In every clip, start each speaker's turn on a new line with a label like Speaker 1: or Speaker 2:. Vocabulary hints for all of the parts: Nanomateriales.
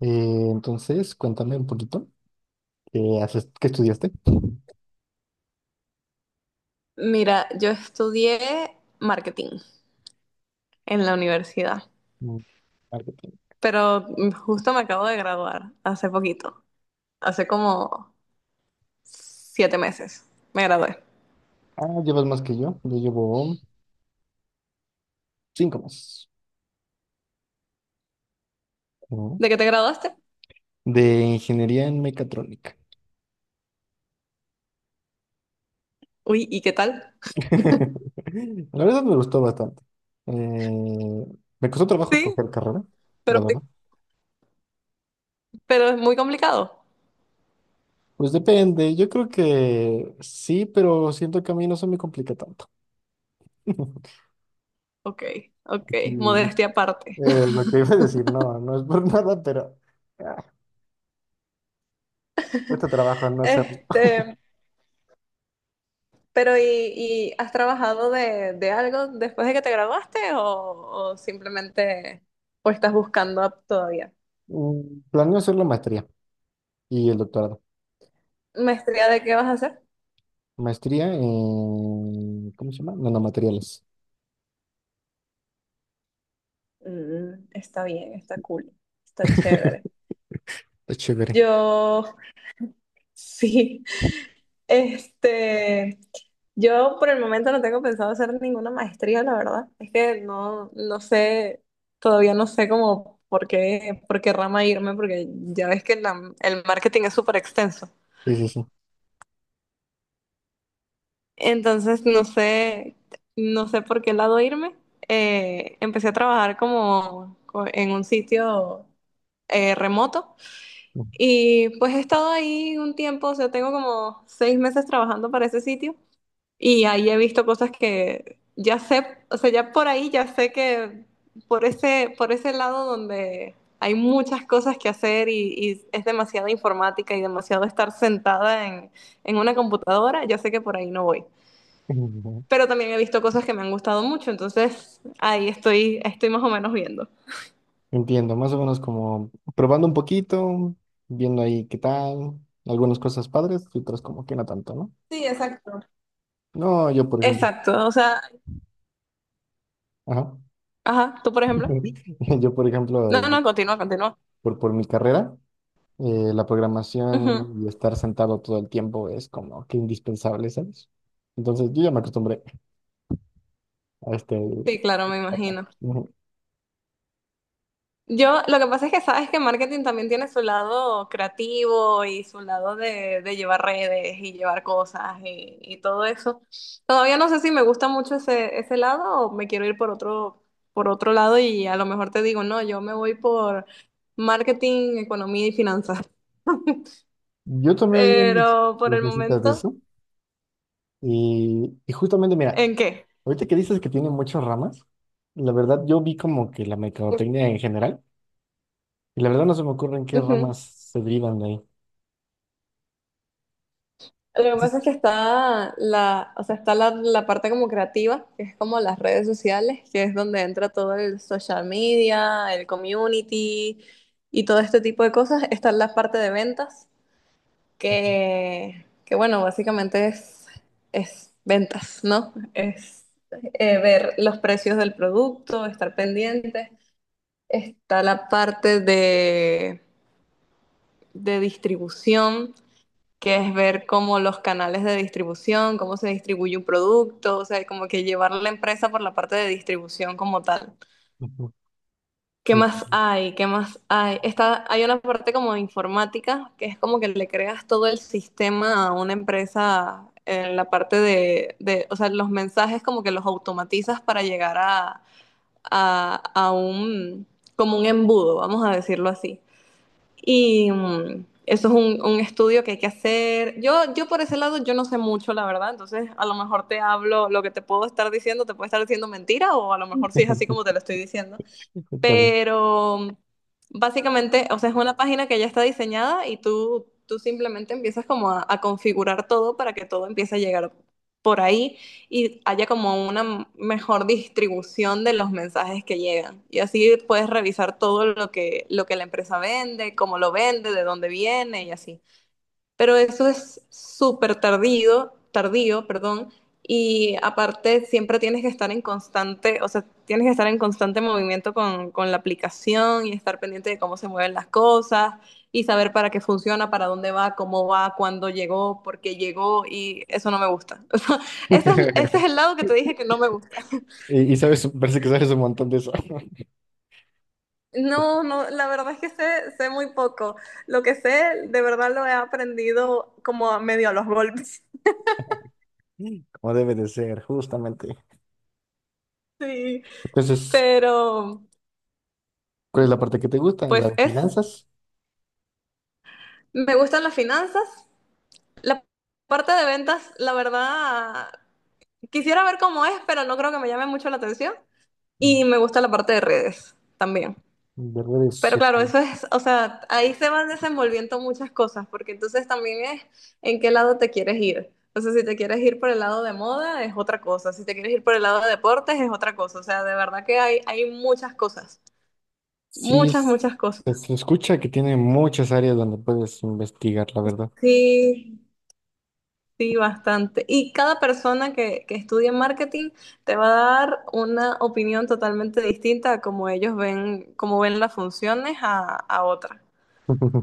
Speaker 1: Cuéntame un poquito, ¿qué haces, qué estudiaste?
Speaker 2: Mira, yo estudié marketing en la universidad,
Speaker 1: Mm, marketing.
Speaker 2: pero justo me acabo de graduar hace poquito, hace como 7 meses me gradué.
Speaker 1: Ah, llevas más que yo llevo cinco más. ¿No?
Speaker 2: ¿De qué te graduaste?
Speaker 1: De ingeniería en mecatrónica.
Speaker 2: Uy, ¿y qué tal?
Speaker 1: La verdad me gustó bastante. Eh, Me costó trabajo
Speaker 2: Sí,
Speaker 1: escoger carrera, la
Speaker 2: pero
Speaker 1: verdad.
Speaker 2: pero es muy complicado.
Speaker 1: Pues depende, yo creo que sí, pero siento que a mí no se me complica tanto.
Speaker 2: Ok, ok,
Speaker 1: Aquí,
Speaker 2: modestia aparte.
Speaker 1: lo que iba a decir, no, no es por nada, pero ah, cuesta trabajo no hacer.
Speaker 2: Este, pero ¿y has trabajado de algo después de que te graduaste o simplemente o estás buscando todavía?
Speaker 1: Planeo hacer la maestría y el doctorado.
Speaker 2: ¿Maestría de qué vas a hacer?
Speaker 1: Maestría en, ¿cómo se llama? Nanomateriales.
Speaker 2: Está bien, está cool, está chévere.
Speaker 1: Está chévere.
Speaker 2: Yo, sí, este, yo por el momento no tengo pensado hacer ninguna maestría, la verdad. Es que no sé, todavía no sé cómo, por qué rama irme, porque ya ves que el marketing es súper extenso.
Speaker 1: Sí, sí, sí.
Speaker 2: Entonces, no sé, no sé por qué lado irme. Empecé a trabajar en un sitio remoto. Y pues he estado ahí un tiempo, o sea, tengo como 6 meses trabajando para ese sitio y ahí he visto cosas que ya sé, o sea, ya por ahí ya sé que por ese lado donde hay muchas cosas que hacer y es demasiada informática y demasiado estar sentada en una computadora, ya sé que por ahí no voy.
Speaker 1: Ujú.
Speaker 2: Pero también he visto cosas que me han gustado mucho, entonces ahí estoy, estoy más o menos viendo.
Speaker 1: Entiendo, más o menos como probando un poquito, viendo ahí qué tal, algunas cosas padres y otras como que no tanto, ¿no?
Speaker 2: Sí, exacto.
Speaker 1: No, yo por ejemplo,
Speaker 2: Exacto, o sea,
Speaker 1: ajá.
Speaker 2: ajá, tú por ejemplo.
Speaker 1: Yo por
Speaker 2: No,
Speaker 1: ejemplo,
Speaker 2: no, continúa, continúa.
Speaker 1: por mi carrera, la
Speaker 2: Ujú.
Speaker 1: programación y estar sentado todo el tiempo es como que indispensable, ¿sabes? Entonces yo ya me acostumbré a este,
Speaker 2: Sí, claro, me
Speaker 1: papá.
Speaker 2: imagino.
Speaker 1: Ujú.
Speaker 2: Yo, lo que pasa es que sabes que marketing también tiene su lado creativo y su lado de llevar redes y llevar cosas y todo eso. Todavía no sé si me gusta mucho ese lado o me quiero ir por otro lado y a lo mejor te digo, no, yo me voy por marketing, economía y finanzas.
Speaker 1: Yo tomé ayer
Speaker 2: Pero por
Speaker 1: las
Speaker 2: el
Speaker 1: mesitas de
Speaker 2: momento,
Speaker 1: eso y justamente, mira,
Speaker 2: ¿en qué?
Speaker 1: ahorita que dices que tiene muchas ramas, la verdad yo vi como que la mercadotecnia en general y la verdad no se me ocurren qué
Speaker 2: Ujú.
Speaker 1: ramas se derivan de ahí.
Speaker 2: Lo que pasa es
Speaker 1: Entonces,
Speaker 2: que está o sea, está la parte como creativa, que es como las redes sociales, que es donde entra todo el social media, el community y todo este tipo de cosas. Está la parte de ventas, que bueno, básicamente es ventas, ¿no? Es ver los precios del producto, estar pendiente. Está la parte de distribución que es ver cómo los canales de distribución, cómo se distribuye un producto, o sea, como que llevar la empresa por la parte de distribución como tal.
Speaker 1: ujú,
Speaker 2: ¿Qué más
Speaker 1: ujú,
Speaker 2: hay? ¿Qué más hay? Está, hay una parte como de informática, que es como que le creas todo el sistema a una empresa en la parte de o sea, los mensajes como que los automatizas para llegar a un, como un embudo, vamos a decirlo así. Y eso es un estudio que hay que hacer. Yo por ese lado yo no sé mucho, la verdad. Entonces, a lo mejor te hablo, lo que te puedo estar diciendo, te puede estar diciendo mentira o a lo mejor sí es así como te lo estoy diciendo.
Speaker 1: está bien.
Speaker 2: Pero básicamente, o sea, es una página que ya está diseñada y tú simplemente empiezas como a configurar todo para que todo empiece a llegar por ahí y haya como una mejor distribución de los mensajes que llegan. Y así puedes revisar todo lo que la empresa vende, cómo lo vende, de dónde viene y así pero eso es súper tardío, tardío, perdón, y aparte siempre tienes que estar en constante, o sea, tienes que estar en constante movimiento con la aplicación y estar pendiente de cómo se mueven las cosas y saber para qué funciona, para dónde va, cómo va, cuándo llegó, por qué llegó y eso no me gusta. O sea, ese es el lado que te dije que no me gusta.
Speaker 1: Y, y sabes, parece que sabes un montón de eso,
Speaker 2: No, no, la verdad es que sé, sé muy poco. Lo que sé, de verdad lo he aprendido como a medio a los golpes.
Speaker 1: como debe de ser, justamente.
Speaker 2: Sí.
Speaker 1: Entonces,
Speaker 2: Pero,
Speaker 1: ¿cuál es la parte que te gusta? ¿En
Speaker 2: pues
Speaker 1: las
Speaker 2: es,
Speaker 1: finanzas?
Speaker 2: me gustan las finanzas. La parte de ventas, la verdad, quisiera ver cómo es, pero no creo que me llame mucho la atención.
Speaker 1: ¿En-
Speaker 2: Y me gusta la parte de redes también.
Speaker 1: ¿De redes
Speaker 2: Pero claro,
Speaker 1: sociales?
Speaker 2: eso es, o sea, ahí se van desenvolviendo muchas cosas, porque entonces también es en qué lado te quieres ir. O sea, si te quieres ir por el lado de moda, es otra cosa. Si te quieres ir por el lado de deportes, es otra cosa. O sea, de verdad que hay muchas cosas.
Speaker 1: Sí,
Speaker 2: Muchas,
Speaker 1: es-
Speaker 2: muchas cosas.
Speaker 1: pues, se escucha que tiene muchas áreas donde puedes investigar, la verdad.
Speaker 2: Sí. Sí, bastante. Y cada persona que estudie marketing te va a dar una opinión totalmente distinta a cómo ellos ven, cómo ven las funciones a otra.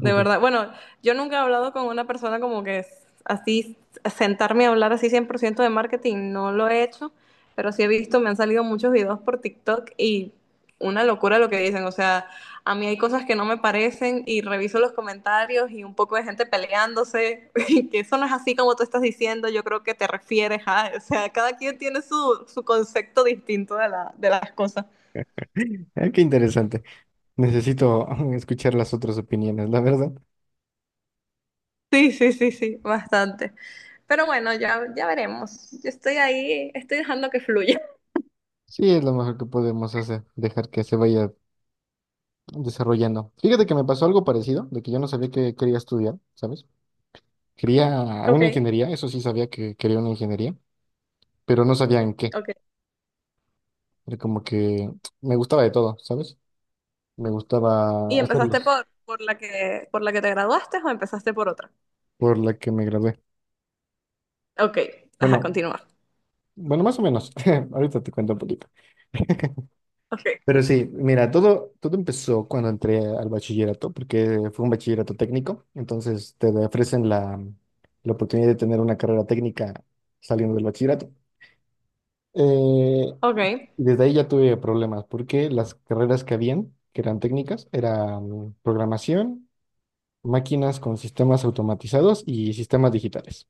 Speaker 2: De verdad, bueno, yo nunca he hablado con una persona como que es así, sentarme a hablar así 100% de marketing, no lo he hecho, pero sí he visto, me han salido muchos videos por TikTok y una locura lo que dicen, o sea, a mí hay cosas que no me parecen y reviso los comentarios y un poco de gente peleándose, y que eso no es así como tú estás diciendo, yo creo que te refieres o sea, cada quien tiene su concepto distinto de de las cosas.
Speaker 1: Ah, qué interesante. Necesito escuchar las otras opiniones, la verdad.
Speaker 2: Sí, sí, sí, sí, bastante. Pero bueno, ya, ya veremos. Yo estoy ahí, estoy dejando que fluya.
Speaker 1: Sí, es lo mejor que podemos hacer, dejar que se vaya desarrollando. Fíjate que me pasó algo parecido, de que yo no sabía que quería estudiar, ¿sabes? Quería
Speaker 2: Ok,
Speaker 1: una ingeniería, eso sí sabía que quería una ingeniería, pero no sabía en qué.
Speaker 2: ok.
Speaker 1: Era como que me gustaba de todo, ¿sabes? Me
Speaker 2: ¿Y
Speaker 1: gustaba
Speaker 2: empezaste
Speaker 1: hacerlos
Speaker 2: por la que te graduaste o empezaste por otra?
Speaker 1: por la que me gradué.
Speaker 2: Ok, ajá,
Speaker 1: Bueno,
Speaker 2: continúa.
Speaker 1: bueno, más o menos. Ahorita te cuento un poquito.
Speaker 2: Ok,
Speaker 1: Pero sí, mira, todo empezó cuando entré al bachillerato, porque fue un bachillerato técnico, entonces te ofrecen la, la oportunidad de tener una carrera técnica saliendo del bachillerato. Eh,
Speaker 2: ok,
Speaker 1: y desde ahí ya tuve problemas, porque las carreras que habían, que eran técnicas, eran programación, máquinas con sistemas automatizados y sistemas digitales.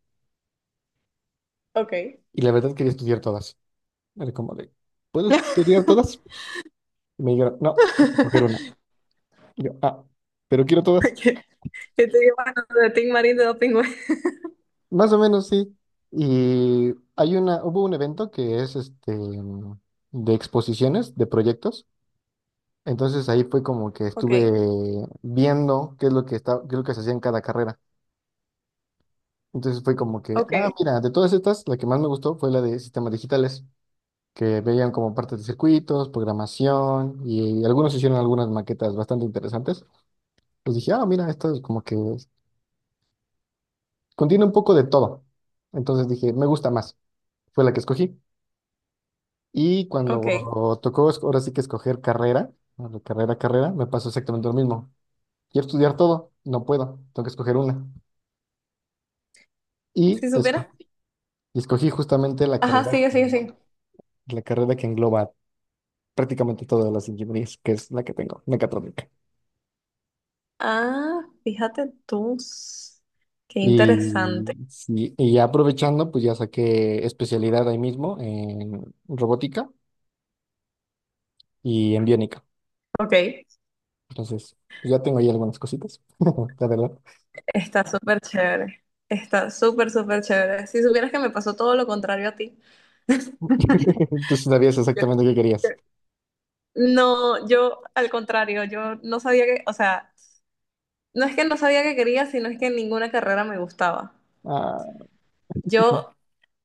Speaker 2: ok.
Speaker 1: Y la verdad quería estudiar todas. Era como de, ¿puedo estudiar todas? Y me dijeron, no, tienes que escoger una. Y yo, ah, pero quiero todas.
Speaker 2: Okay. Yo te digo, bueno, de Tim Marín de Doping Web.
Speaker 1: Más o menos, sí. Y hay una, hubo un evento que es este de exposiciones, de proyectos. Entonces ahí fue como que
Speaker 2: Ok,
Speaker 1: estuve viendo qué es lo que está, qué es lo que se hacía en cada carrera. Entonces fue como que,
Speaker 2: ok,
Speaker 1: ah, mira, de todas estas, la que más me gustó fue la de sistemas digitales, que veían como parte de circuitos, programación, y algunos hicieron algunas maquetas bastante interesantes. Pues dije, ah, mira, esto es como que contiene un poco de todo. Entonces dije, me gusta más. Fue la que escogí. Y
Speaker 2: ok.
Speaker 1: cuando tocó es- ahora sí que escoger carrera, bueno, carrera, carrera, me pasó exactamente lo mismo. Quiero estudiar todo, no puedo, tengo que escoger una. Y,
Speaker 2: Si
Speaker 1: esco-
Speaker 2: supieras.
Speaker 1: y escogí justamente
Speaker 2: Ajá, sigue, sigue, sigue.
Speaker 1: la carrera que engloba prácticamente todas las ingenierías, que es la que tengo, mecatrónica.
Speaker 2: Ah, fíjate tú. Qué
Speaker 1: Y,
Speaker 2: interesante.
Speaker 1: sí, y ya aprovechando, pues ya saqué especialidad ahí mismo en robótica y en biónica.
Speaker 2: Ok,
Speaker 1: Entonces, pues ya tengo ahí algunas cositas, la verdad.
Speaker 2: está súper chévere. Está súper, súper chévere. Si supieras que me pasó todo lo contrario a ti.
Speaker 1: Tú sí sabías
Speaker 2: Yo-
Speaker 1: exactamente qué querías.
Speaker 2: yo- No, yo al contrario, yo no sabía que, o sea, no es que no sabía que quería, sino es que ninguna carrera me gustaba.
Speaker 1: Ah,
Speaker 2: Yo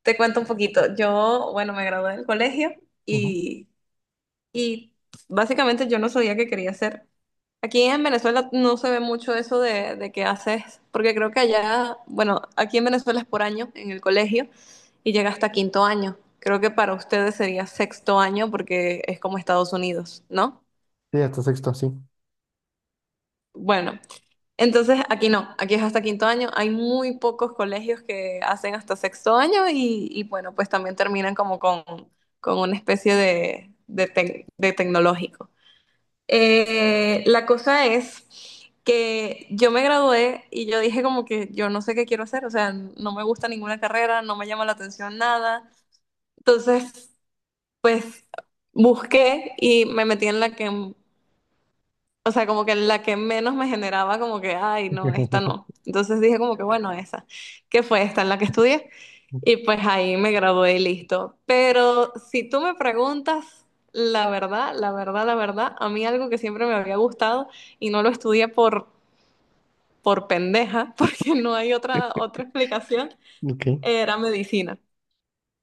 Speaker 2: te cuento un poquito. Yo, bueno, me gradué del colegio
Speaker 1: ujú.
Speaker 2: y, y básicamente yo no sabía qué quería hacer. Aquí en Venezuela no se ve mucho eso de que haces, porque creo que allá, bueno, aquí en Venezuela es por año en el colegio y llega hasta quinto año. Creo que para ustedes sería sexto año porque es como Estados Unidos, ¿no?
Speaker 1: Sí, hasta sexto, sí.
Speaker 2: Bueno, entonces aquí no, aquí es hasta quinto año. Hay muy pocos colegios que hacen hasta sexto año y bueno, pues también terminan como con una especie de, de tecnológico. La cosa es que yo me gradué y yo dije como que yo no sé qué quiero hacer, o sea, no me gusta ninguna carrera, no me llama la atención nada. Entonces, pues busqué y me metí en la que o sea, como que la que menos me generaba como que, ay, no, esta no. Entonces dije como que, bueno, esa, que fue esta en la que estudié. Y pues ahí me gradué y listo. Pero si tú me preguntas, la verdad, la verdad, la verdad, a mí algo que siempre me había gustado y no lo estudié por pendeja, porque no hay otra, otra explicación,
Speaker 1: Ok.
Speaker 2: era medicina.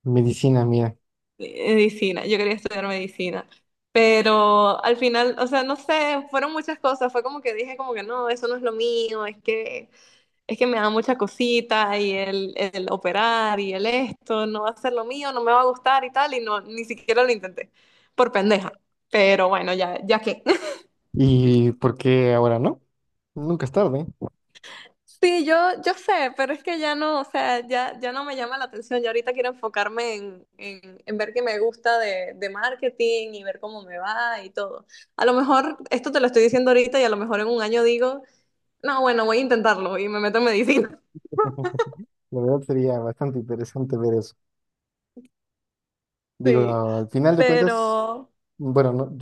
Speaker 1: Medicina, mira.
Speaker 2: Medicina, yo quería estudiar medicina, pero al final, o sea, no sé, fueron muchas cosas, fue como que dije como que no, eso no es lo mío, es que me da mucha cosita y el operar y el esto, no va a ser lo mío, no me va a gustar y tal, y no, ni siquiera lo intenté, por pendeja, pero bueno, ya, ya qué.
Speaker 1: ¿Y por qué ahora no? Nunca es tarde.
Speaker 2: Sí, yo sé, pero es que ya no, o sea, ya, ya no me llama la atención. Ya ahorita quiero enfocarme en ver qué me gusta de marketing y ver cómo me va y todo. A lo mejor esto te lo estoy diciendo ahorita y a lo mejor en un año digo, no, bueno, voy a intentarlo y me meto en medicina.
Speaker 1: La verdad sería bastante interesante ver eso.
Speaker 2: Sí,
Speaker 1: Digo, al final de cuentas,
Speaker 2: pero,
Speaker 1: bueno, no,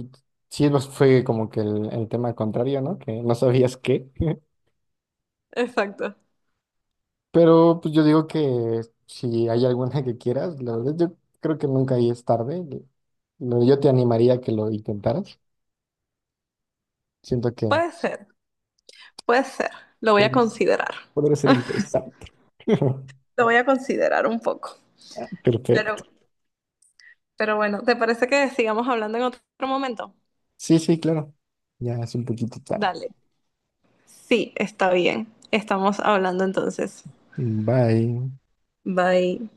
Speaker 1: sí nos fue como que el tema contrario, ¿no? Que no sabías qué.
Speaker 2: exacto.
Speaker 1: Pero pues yo digo que si hay alguna que quieras, la verdad yo creo que nunca ahí es tarde. Lo- Yo te animaría a que lo intentaras. Siento que...
Speaker 2: Puede ser, puede ser. Lo voy a
Speaker 1: Pues,
Speaker 2: considerar.
Speaker 1: podría ser interesante.
Speaker 2: Lo voy a considerar un poco. Pero,
Speaker 1: Perfecto.
Speaker 2: pero bueno, ¿te parece que sigamos hablando en otro momento?
Speaker 1: Sí, sí, claro. Ya es un poquito tarde.
Speaker 2: Dale. Sí, está bien. Estamos hablando entonces.
Speaker 1: Bye.
Speaker 2: Bye.